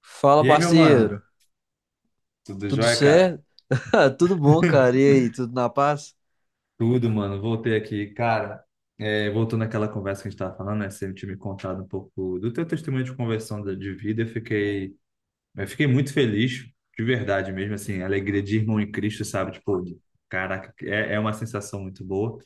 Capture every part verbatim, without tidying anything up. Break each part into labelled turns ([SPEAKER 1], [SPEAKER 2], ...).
[SPEAKER 1] Fala,
[SPEAKER 2] E aí, meu mano?
[SPEAKER 1] parceiro.
[SPEAKER 2] Tudo
[SPEAKER 1] Tudo
[SPEAKER 2] jóia, cara?
[SPEAKER 1] certo? Ah, tudo bom, cara. E aí, tudo na paz?
[SPEAKER 2] Tudo, mano. Voltei aqui. Cara, é, voltando àquela conversa que a gente tava falando, né? Você tinha me contado um pouco do teu testemunho de conversão da- de vida. Eu fiquei, eu fiquei muito feliz, de verdade mesmo, assim, alegria de irmão em Cristo, sabe? Tipo, de- caraca, é, é uma sensação muito boa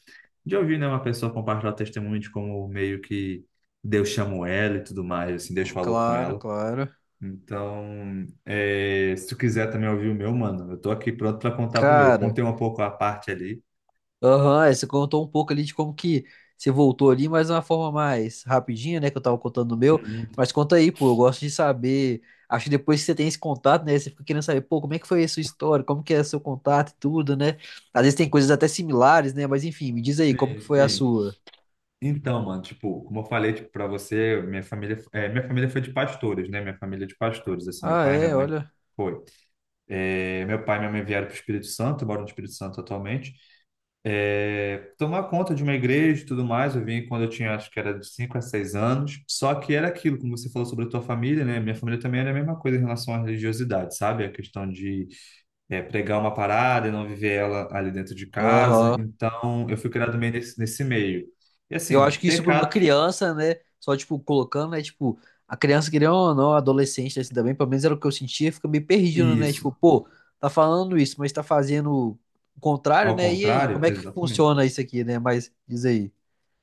[SPEAKER 2] de ouvir, né, uma pessoa compartilhar o testemunho de como meio que Deus chamou ela e tudo mais, assim, Deus falou com
[SPEAKER 1] Claro,
[SPEAKER 2] ela.
[SPEAKER 1] claro.
[SPEAKER 2] Então, é, se tu quiser também ouvir o meu, mano, eu tô aqui pronto pra contar pro meu. Eu
[SPEAKER 1] Cara,
[SPEAKER 2] contei um pouco a parte ali.
[SPEAKER 1] aham, é, você contou um pouco ali de como que você voltou ali, mas de uma forma mais rapidinha, né, que eu tava contando no meu.
[SPEAKER 2] Uhum.
[SPEAKER 1] Mas conta aí, pô, eu gosto de saber. Acho que depois que você tem esse contato, né, você fica querendo saber, pô, como é que foi a sua história, como que é seu contato e tudo, né? Às vezes tem coisas até similares, né, mas enfim, me diz aí, como que
[SPEAKER 2] Sim,
[SPEAKER 1] foi a
[SPEAKER 2] sim.
[SPEAKER 1] sua?
[SPEAKER 2] Então, mano, tipo, como eu falei, tipo, para você, minha família, é, minha família foi de pastores, né? Minha família é de pastores, assim, meu
[SPEAKER 1] Ah,
[SPEAKER 2] pai e minha
[SPEAKER 1] é,
[SPEAKER 2] mãe
[SPEAKER 1] olha.
[SPEAKER 2] foi. É, meu pai e minha mãe vieram pro Espírito Santo, moram no Espírito Santo atualmente. é, tomar conta de uma igreja e tudo mais. Eu vim quando eu tinha, acho que era de cinco a seis anos. Só que era aquilo, como você falou sobre a tua família, né? Minha família também era a mesma coisa em relação à religiosidade, sabe? A questão de é, pregar uma parada e não viver ela ali dentro de casa.
[SPEAKER 1] Aham.
[SPEAKER 2] Então, eu fui criado meio nesse, nesse meio. E
[SPEAKER 1] Eu
[SPEAKER 2] assim,
[SPEAKER 1] acho que isso para uma
[SPEAKER 2] pecados,
[SPEAKER 1] criança, né? Só, tipo, colocando, né? Tipo, a criança, querendo ou não, adolescente, assim, também, pelo menos era o que eu sentia, fica meio perdido,
[SPEAKER 2] e
[SPEAKER 1] né?
[SPEAKER 2] isso,
[SPEAKER 1] Tipo, pô, tá falando isso, mas tá fazendo o contrário,
[SPEAKER 2] ao
[SPEAKER 1] né? E aí,
[SPEAKER 2] contrário,
[SPEAKER 1] como é que
[SPEAKER 2] exatamente.
[SPEAKER 1] funciona isso aqui, né? Mas diz aí.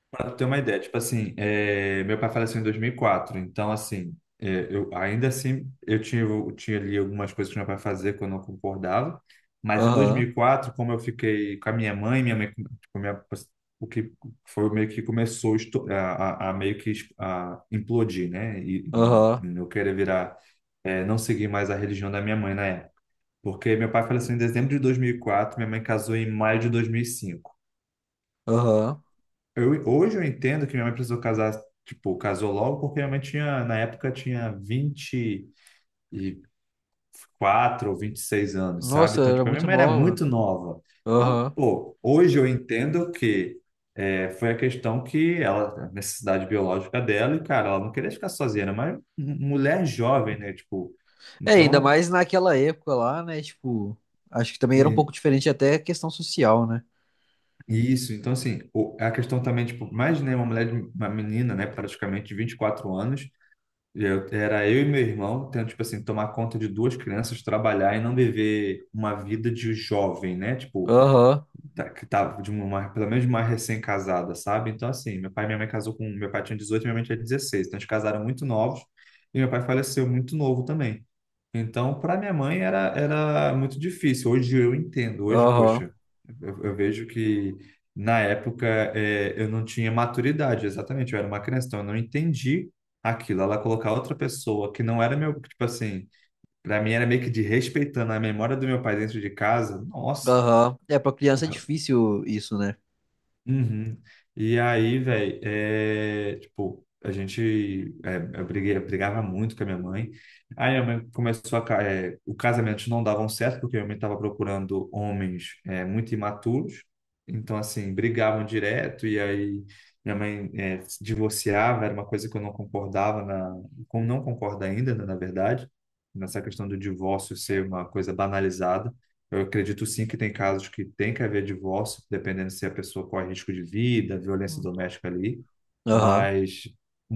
[SPEAKER 2] Para tu ter uma ideia, tipo assim, é, meu pai faleceu em dois mil e quatro. Então assim, é, eu ainda assim eu tinha eu tinha ali algumas coisas que meu pai fazia que eu não concordava, mas em
[SPEAKER 1] Aham,
[SPEAKER 2] dois mil e quatro, como eu fiquei com a minha mãe, minha mãe com- tipo, minha, o que foi meio que começou esto- a, a, a meio que es- a implodir, né? E,
[SPEAKER 1] aham,
[SPEAKER 2] e eu querer virar, é, não seguir mais a religião da minha mãe na época, porque meu pai faleceu em dezembro de dois mil e quatro, minha mãe casou em maio de dois mil e cinco.
[SPEAKER 1] aham.
[SPEAKER 2] Eu, hoje eu entendo que minha mãe precisou casar, tipo, casou logo porque minha mãe tinha, na época, tinha vinte e quatro ou vinte e seis anos, sabe?
[SPEAKER 1] Nossa,
[SPEAKER 2] Então,
[SPEAKER 1] era
[SPEAKER 2] tipo, a minha
[SPEAKER 1] muito
[SPEAKER 2] mãe era
[SPEAKER 1] nova.
[SPEAKER 2] muito nova. Então,
[SPEAKER 1] Aham.
[SPEAKER 2] pô, hoje eu entendo que é, foi a questão que ela, a necessidade biológica dela, e, cara, ela não queria ficar sozinha, era uma mulher jovem, né? Tipo,
[SPEAKER 1] É, ainda
[SPEAKER 2] então,
[SPEAKER 1] mais naquela época lá, né? Tipo, acho que também era um
[SPEAKER 2] e-
[SPEAKER 1] pouco diferente até a questão social, né?
[SPEAKER 2] e isso. Então, assim, o- a questão também, tipo, mais imaginei uma mulher, de- uma menina, né, praticamente de vinte e quatro anos. Eu, era eu e meu irmão, tendo, tipo assim, tomar conta de duas crianças, trabalhar e não viver uma vida de jovem, né? Tipo,
[SPEAKER 1] Aham,
[SPEAKER 2] tá- que tava de uma, pelo menos de uma recém-casada, sabe? Então, assim, meu pai e minha mãe casou com, meu pai tinha dezoito e minha mãe tinha dezesseis, então eles casaram muito novos e meu pai faleceu muito novo também. Então, para minha mãe era, era muito difícil. Hoje eu entendo, hoje,
[SPEAKER 1] aham,
[SPEAKER 2] poxa, eu, eu vejo que na época é, eu não tinha maturidade, exatamente, eu era uma criança, então eu não entendi aquilo. Ela colocar outra pessoa que não era meu, tipo assim, para mim era meio que de respeitando a memória do meu pai dentro de casa. Nossa.
[SPEAKER 1] aham. É, pra criança é difícil isso, né?
[SPEAKER 2] Uhum. E aí, velho, é, tipo, a gente, é, eu briguei, eu brigava muito com a minha mãe. Aí a minha mãe começou a, ca- é, o casamento não davam certo, porque a minha mãe estava procurando homens, é, muito imaturos. Então, assim, brigavam direto, e aí minha mãe, é, se divorciava, era uma coisa que eu não concordava, na, como não concordo ainda, né, na verdade, nessa questão do divórcio ser uma coisa banalizada. Eu acredito sim que tem casos que tem que haver divórcio, dependendo se a pessoa corre risco de vida, violência doméstica ali,
[SPEAKER 1] Aham.
[SPEAKER 2] mas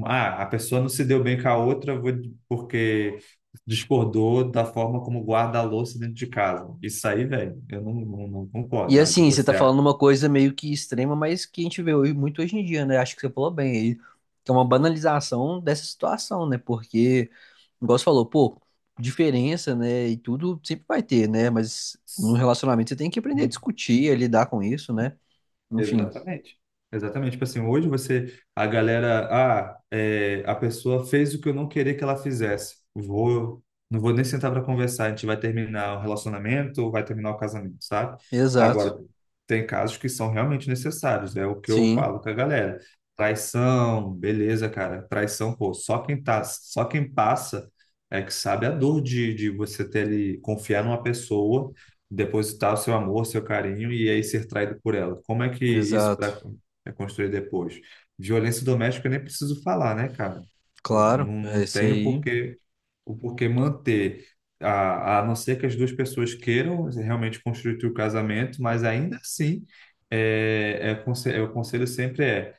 [SPEAKER 2] ah, a pessoa não se deu bem com a outra vou- porque discordou da forma como guarda a louça dentro de casa. Isso aí, velho, eu não, não, não
[SPEAKER 1] E
[SPEAKER 2] concordo. Ah,
[SPEAKER 1] assim, você tá
[SPEAKER 2] divorciar.
[SPEAKER 1] falando uma coisa meio que extrema, mas que a gente vê hoje, muito hoje em dia, né? Acho que você falou bem aí, que é uma banalização dessa situação, né? Porque, igual você falou, pô, diferença, né? E tudo sempre vai ter, né? Mas num relacionamento você tem que aprender a discutir, a lidar com isso, né? Enfim,
[SPEAKER 2] Exatamente. Exatamente. Tipo assim, hoje você, a galera, ah, é, a pessoa fez o que eu não queria que ela fizesse. Vou, não vou nem sentar para conversar. A gente vai terminar o relacionamento ou vai terminar o casamento, sabe?
[SPEAKER 1] exato.
[SPEAKER 2] Agora, tem casos que são realmente necessários. É o que eu
[SPEAKER 1] Sim,
[SPEAKER 2] falo com a galera. Traição, beleza, cara. Traição, pô, só quem tá, só quem passa é que sabe a dor de, de você ter ali, confiar numa pessoa, depositar o seu amor, seu carinho e aí ser traído por ela. Como é que isso
[SPEAKER 1] exato.
[SPEAKER 2] pra, é construído depois? Violência doméstica eu nem preciso falar, né, cara? Eu
[SPEAKER 1] Claro,
[SPEAKER 2] Não,
[SPEAKER 1] é
[SPEAKER 2] não
[SPEAKER 1] isso
[SPEAKER 2] tenho
[SPEAKER 1] aí.
[SPEAKER 2] porquê, o porquê manter, a, a não ser que as duas pessoas queiram realmente construir o casamento, mas ainda assim, é, é, conse- é, o conselho sempre é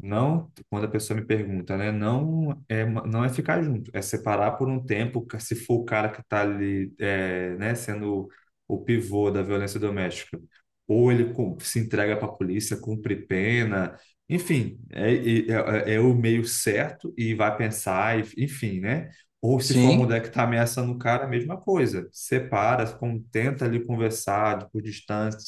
[SPEAKER 2] não, quando a pessoa me pergunta, né? Não é, uma- não é ficar junto, é separar por um tempo, ca- se for o cara que está ali, é, né, sendo o pivô da violência doméstica. Ou ele cum- se entrega para a polícia, cumpre pena, enfim, é, é, é- é o meio certo e vai pensar, e- enfim, né? Ou se for a
[SPEAKER 1] Sim.
[SPEAKER 2] mulher que está ameaçando o cara, a mesma coisa. Separa, com- tenta ali conversar por distância,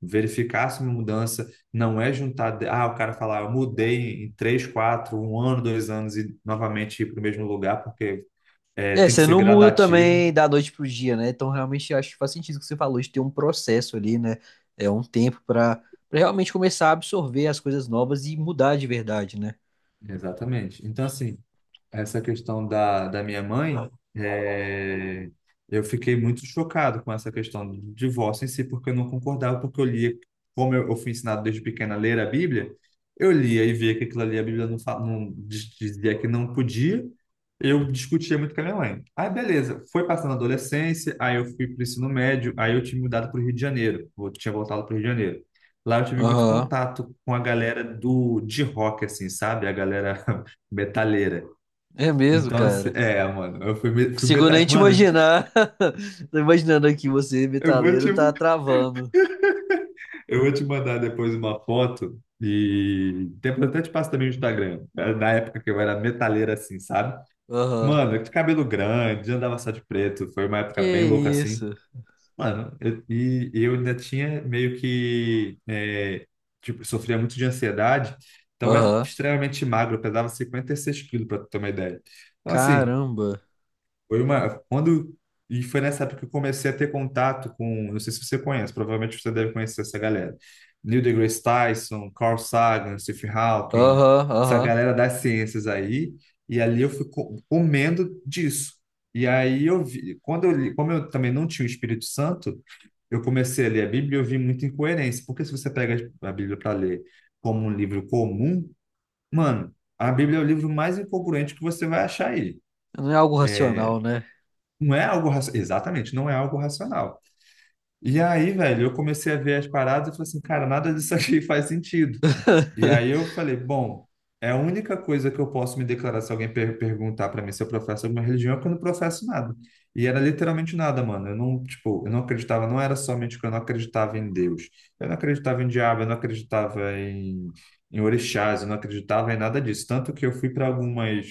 [SPEAKER 2] verificar se uma mudança. Não é juntar, de- ah, o cara falar, eu mudei em três, quatro, um ano, dois anos e novamente ir para o mesmo lugar, porque é,
[SPEAKER 1] É,
[SPEAKER 2] tem que
[SPEAKER 1] você
[SPEAKER 2] ser
[SPEAKER 1] não muda
[SPEAKER 2] gradativo.
[SPEAKER 1] também da noite pro dia, né? Então, realmente, eu acho que faz sentido o que você falou, de ter um processo ali, né? É um tempo pra, para realmente começar a absorver as coisas novas e mudar de verdade, né?
[SPEAKER 2] Exatamente. Então, assim, essa questão da, da minha mãe, é, eu fiquei muito chocado com essa questão do divórcio em si, porque eu não concordava, porque eu lia, como eu, eu fui ensinado desde pequena a ler a Bíblia, eu lia e via que aquilo ali a Bíblia não, fa- não diz- dizia que não podia, eu discutia muito com a minha mãe. Aí, beleza, foi passando a adolescência, aí eu fui para o ensino médio, aí eu tinha mudado para o Rio de Janeiro, eu tinha voltado para o Rio de Janeiro. Lá eu tive muito
[SPEAKER 1] Aham.
[SPEAKER 2] contato com a galera do de rock, assim, sabe? A galera metaleira.
[SPEAKER 1] É mesmo,
[SPEAKER 2] Então, assim,
[SPEAKER 1] cara.
[SPEAKER 2] é, mano, eu fui, me-
[SPEAKER 1] Não
[SPEAKER 2] fui
[SPEAKER 1] consigo nem
[SPEAKER 2] metade.
[SPEAKER 1] te
[SPEAKER 2] Mano, eu te-
[SPEAKER 1] imaginar. Tô imaginando aqui você,
[SPEAKER 2] eu vou te,
[SPEAKER 1] metaleiro, tá travando.
[SPEAKER 2] eu vou te mandar depois uma foto e depois eu até te passo também o Instagram. Era Na época que eu era metaleiro assim, sabe?
[SPEAKER 1] Aham.
[SPEAKER 2] Mano, de cabelo grande, andava só de preto, foi uma época
[SPEAKER 1] Que
[SPEAKER 2] bem louca assim.
[SPEAKER 1] isso?
[SPEAKER 2] Mano, eu- e e eu ainda tinha meio que. é, tipo, sofria muito de ansiedade, então eu era
[SPEAKER 1] Aham.
[SPEAKER 2] extremamente magro, eu pesava cinquenta e seis quilos, pra tu ter uma ideia. Então, assim.
[SPEAKER 1] Caramba.
[SPEAKER 2] Foi uma. Quando. E foi nessa época que eu comecei a ter contato com. Não sei se você conhece, provavelmente você deve conhecer essa galera. Neil deGrasse Tyson, Carl Sagan, Stephen Hawking,
[SPEAKER 1] Aham,
[SPEAKER 2] essa
[SPEAKER 1] aham.
[SPEAKER 2] galera das ciências aí. E ali eu fui co- comendo disso. E aí eu vi. Quando eu li, como eu também não tinha o Espírito Santo, eu comecei a ler a Bíblia e eu vi muita incoerência. Porque se você pega a Bíblia para ler como um livro comum, mano, a Bíblia é o livro mais incongruente que você vai achar aí.
[SPEAKER 1] Não é algo racional, né?
[SPEAKER 2] Não é algo racional. Exatamente, não é algo racional. E aí, velho, eu comecei a ver as paradas e falei assim, cara, nada disso aqui faz sentido. E aí eu falei, bom, é a única coisa que eu posso me declarar se alguém per perguntar para mim se eu professo alguma religião é que eu não professo nada. E era literalmente nada, mano. Eu não, tipo, eu não acreditava, não era somente que eu não acreditava em Deus. Eu não acreditava em diabo, eu não acreditava em, em orixás, eu não acreditava em nada disso. Tanto que eu fui para algumas,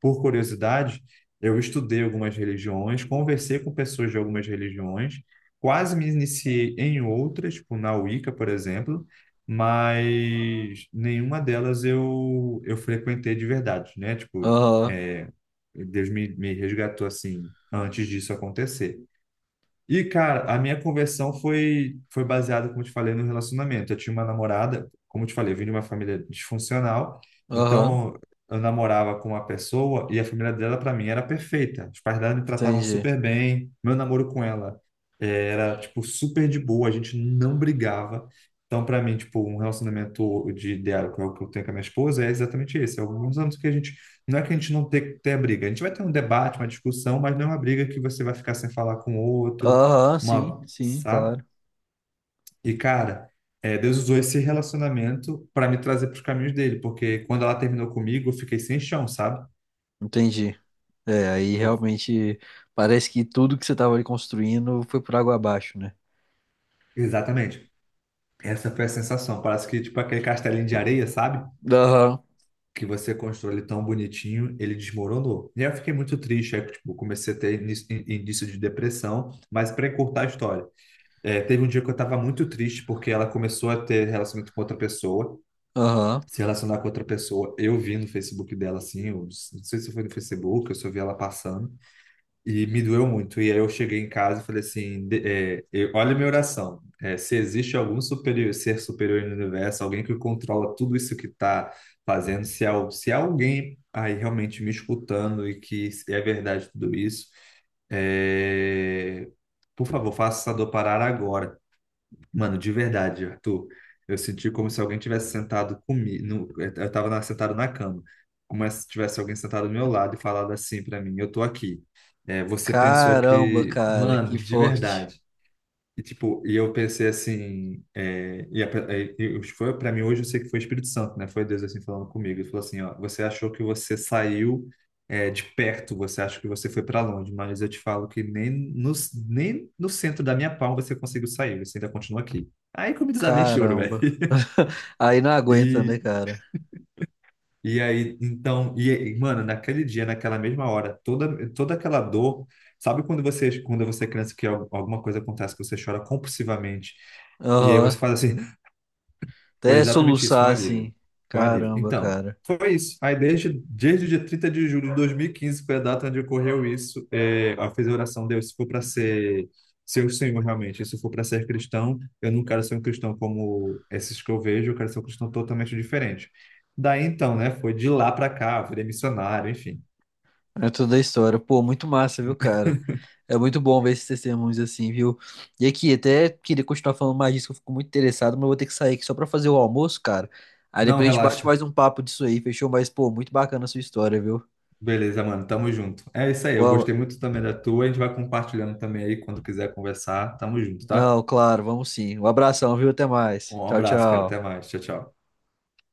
[SPEAKER 2] por curiosidade, eu estudei algumas religiões, conversei com pessoas de algumas religiões, quase me iniciei em outras, tipo na Wicca, por exemplo, mas nenhuma delas eu, eu frequentei de verdade, né? Tipo,
[SPEAKER 1] Aham,
[SPEAKER 2] é, Deus me, me resgatou assim antes disso acontecer. E, cara, a minha conversão foi, foi baseada, como eu te falei, no relacionamento. Eu tinha uma namorada, como eu te falei, eu vim de uma família disfuncional,
[SPEAKER 1] aham.
[SPEAKER 2] então eu namorava com uma pessoa e a família dela, para mim, era perfeita. Os pais dela me tratavam
[SPEAKER 1] Entendi.
[SPEAKER 2] super bem, meu namoro com ela eh, era, tipo, super de boa, a gente não brigava. Então, para mim, tipo, um relacionamento de ideal que é o que eu tenho com a minha esposa é exatamente esse. É Alguns anos que a gente. Não é que a gente não tenha, tenha briga, a gente vai ter um debate, uma discussão, mas não é uma briga que você vai ficar sem falar com o outro
[SPEAKER 1] Aham, sim,
[SPEAKER 2] uma,
[SPEAKER 1] sim,
[SPEAKER 2] sabe?
[SPEAKER 1] claro.
[SPEAKER 2] E, cara, é, Deus usou esse relacionamento para me trazer para os caminhos dele, porque quando ela terminou comigo, eu fiquei sem chão, sabe?
[SPEAKER 1] Entendi. É, aí
[SPEAKER 2] Eu-
[SPEAKER 1] realmente parece que tudo que você tava ali construindo foi por água abaixo, né?
[SPEAKER 2] exatamente. Essa foi a sensação. Parece que, tipo, aquele castelinho de areia, sabe?
[SPEAKER 1] Aham,
[SPEAKER 2] Que você constrói ele tão bonitinho, ele desmoronou. E aí eu fiquei muito triste, aí, tipo, comecei a ter início, início de depressão, mas para encurtar a história. É, teve um dia que eu estava muito triste porque ela começou a ter relacionamento com outra pessoa
[SPEAKER 1] aham.
[SPEAKER 2] se relacionar com outra pessoa. Eu vi no Facebook dela, assim, eu não sei se foi no Facebook, eu só vi ela passando, e me doeu muito. E aí eu cheguei em casa e falei assim: de- é, eu- olha a minha oração. É, se existe algum superior, ser superior no universo, alguém que controla tudo isso que está fazendo, se há, se há alguém aí realmente me escutando e que é verdade tudo isso, é, por favor, faça essa dor parar agora. Mano, de verdade, Arthur, eu senti como se alguém tivesse sentado comigo. Eu estava na- sentado na cama, como se tivesse alguém sentado do meu lado e falado assim para mim: eu tô aqui. É, você pensou
[SPEAKER 1] Caramba,
[SPEAKER 2] que.
[SPEAKER 1] cara, que
[SPEAKER 2] Mano, de
[SPEAKER 1] forte.
[SPEAKER 2] verdade. E, tipo, e eu pensei assim, é, e, a, e e foi para mim hoje, eu sei que foi o Espírito Santo, né? Foi Deus assim falando comigo. Ele falou assim, ó, você achou que você saiu é, de perto, você acha que você foi para longe, mas eu te falo que nem no, nem no centro da minha palma você conseguiu sair, você ainda continua aqui. Aí que eu me desabei em choro, velho.
[SPEAKER 1] Caramba. Aí não aguenta, né,
[SPEAKER 2] E,
[SPEAKER 1] cara?
[SPEAKER 2] e aí, então, e, e, mano, naquele dia, naquela mesma hora, toda, toda aquela dor, sabe quando você, quando você é criança que al- alguma coisa acontece que você chora compulsivamente? E aí você
[SPEAKER 1] Aham.
[SPEAKER 2] faz assim. Foi
[SPEAKER 1] Até
[SPEAKER 2] exatamente isso, foi um
[SPEAKER 1] soluçar
[SPEAKER 2] alívio.
[SPEAKER 1] assim.
[SPEAKER 2] Foi um alívio.
[SPEAKER 1] Caramba,
[SPEAKER 2] Então,
[SPEAKER 1] cara.
[SPEAKER 2] foi isso. Aí desde, desde o dia trinta de julho de dois mil e quinze foi a data onde ocorreu isso. É, eu fiz a oração, Deus, se for para ser ser o Senhor realmente, se for para ser cristão, eu não quero ser um cristão como esses que eu vejo, eu quero ser um cristão totalmente diferente. Daí então, né, foi de lá para cá, virei missionário, enfim.
[SPEAKER 1] É toda a história. Pô, muito massa, viu, cara? É muito bom ver esses testemunhos assim, viu? E aqui, até queria continuar falando mais disso, que eu fico muito interessado, mas eu vou ter que sair aqui só pra fazer o almoço, cara. Aí
[SPEAKER 2] Não,
[SPEAKER 1] depois a gente bate
[SPEAKER 2] relaxa.
[SPEAKER 1] mais um papo disso aí, fechou? Mas, pô, muito bacana a sua história, viu?
[SPEAKER 2] Beleza, mano, tamo junto. É isso aí, eu
[SPEAKER 1] Boa-
[SPEAKER 2] gostei muito também da tua, a gente vai compartilhando também aí quando quiser conversar. Tamo junto, tá?
[SPEAKER 1] Não, claro, vamos sim. Um abração, viu? Até mais.
[SPEAKER 2] Um
[SPEAKER 1] Tchau,
[SPEAKER 2] abraço, cara, até
[SPEAKER 1] tchau.
[SPEAKER 2] mais. Tchau, tchau.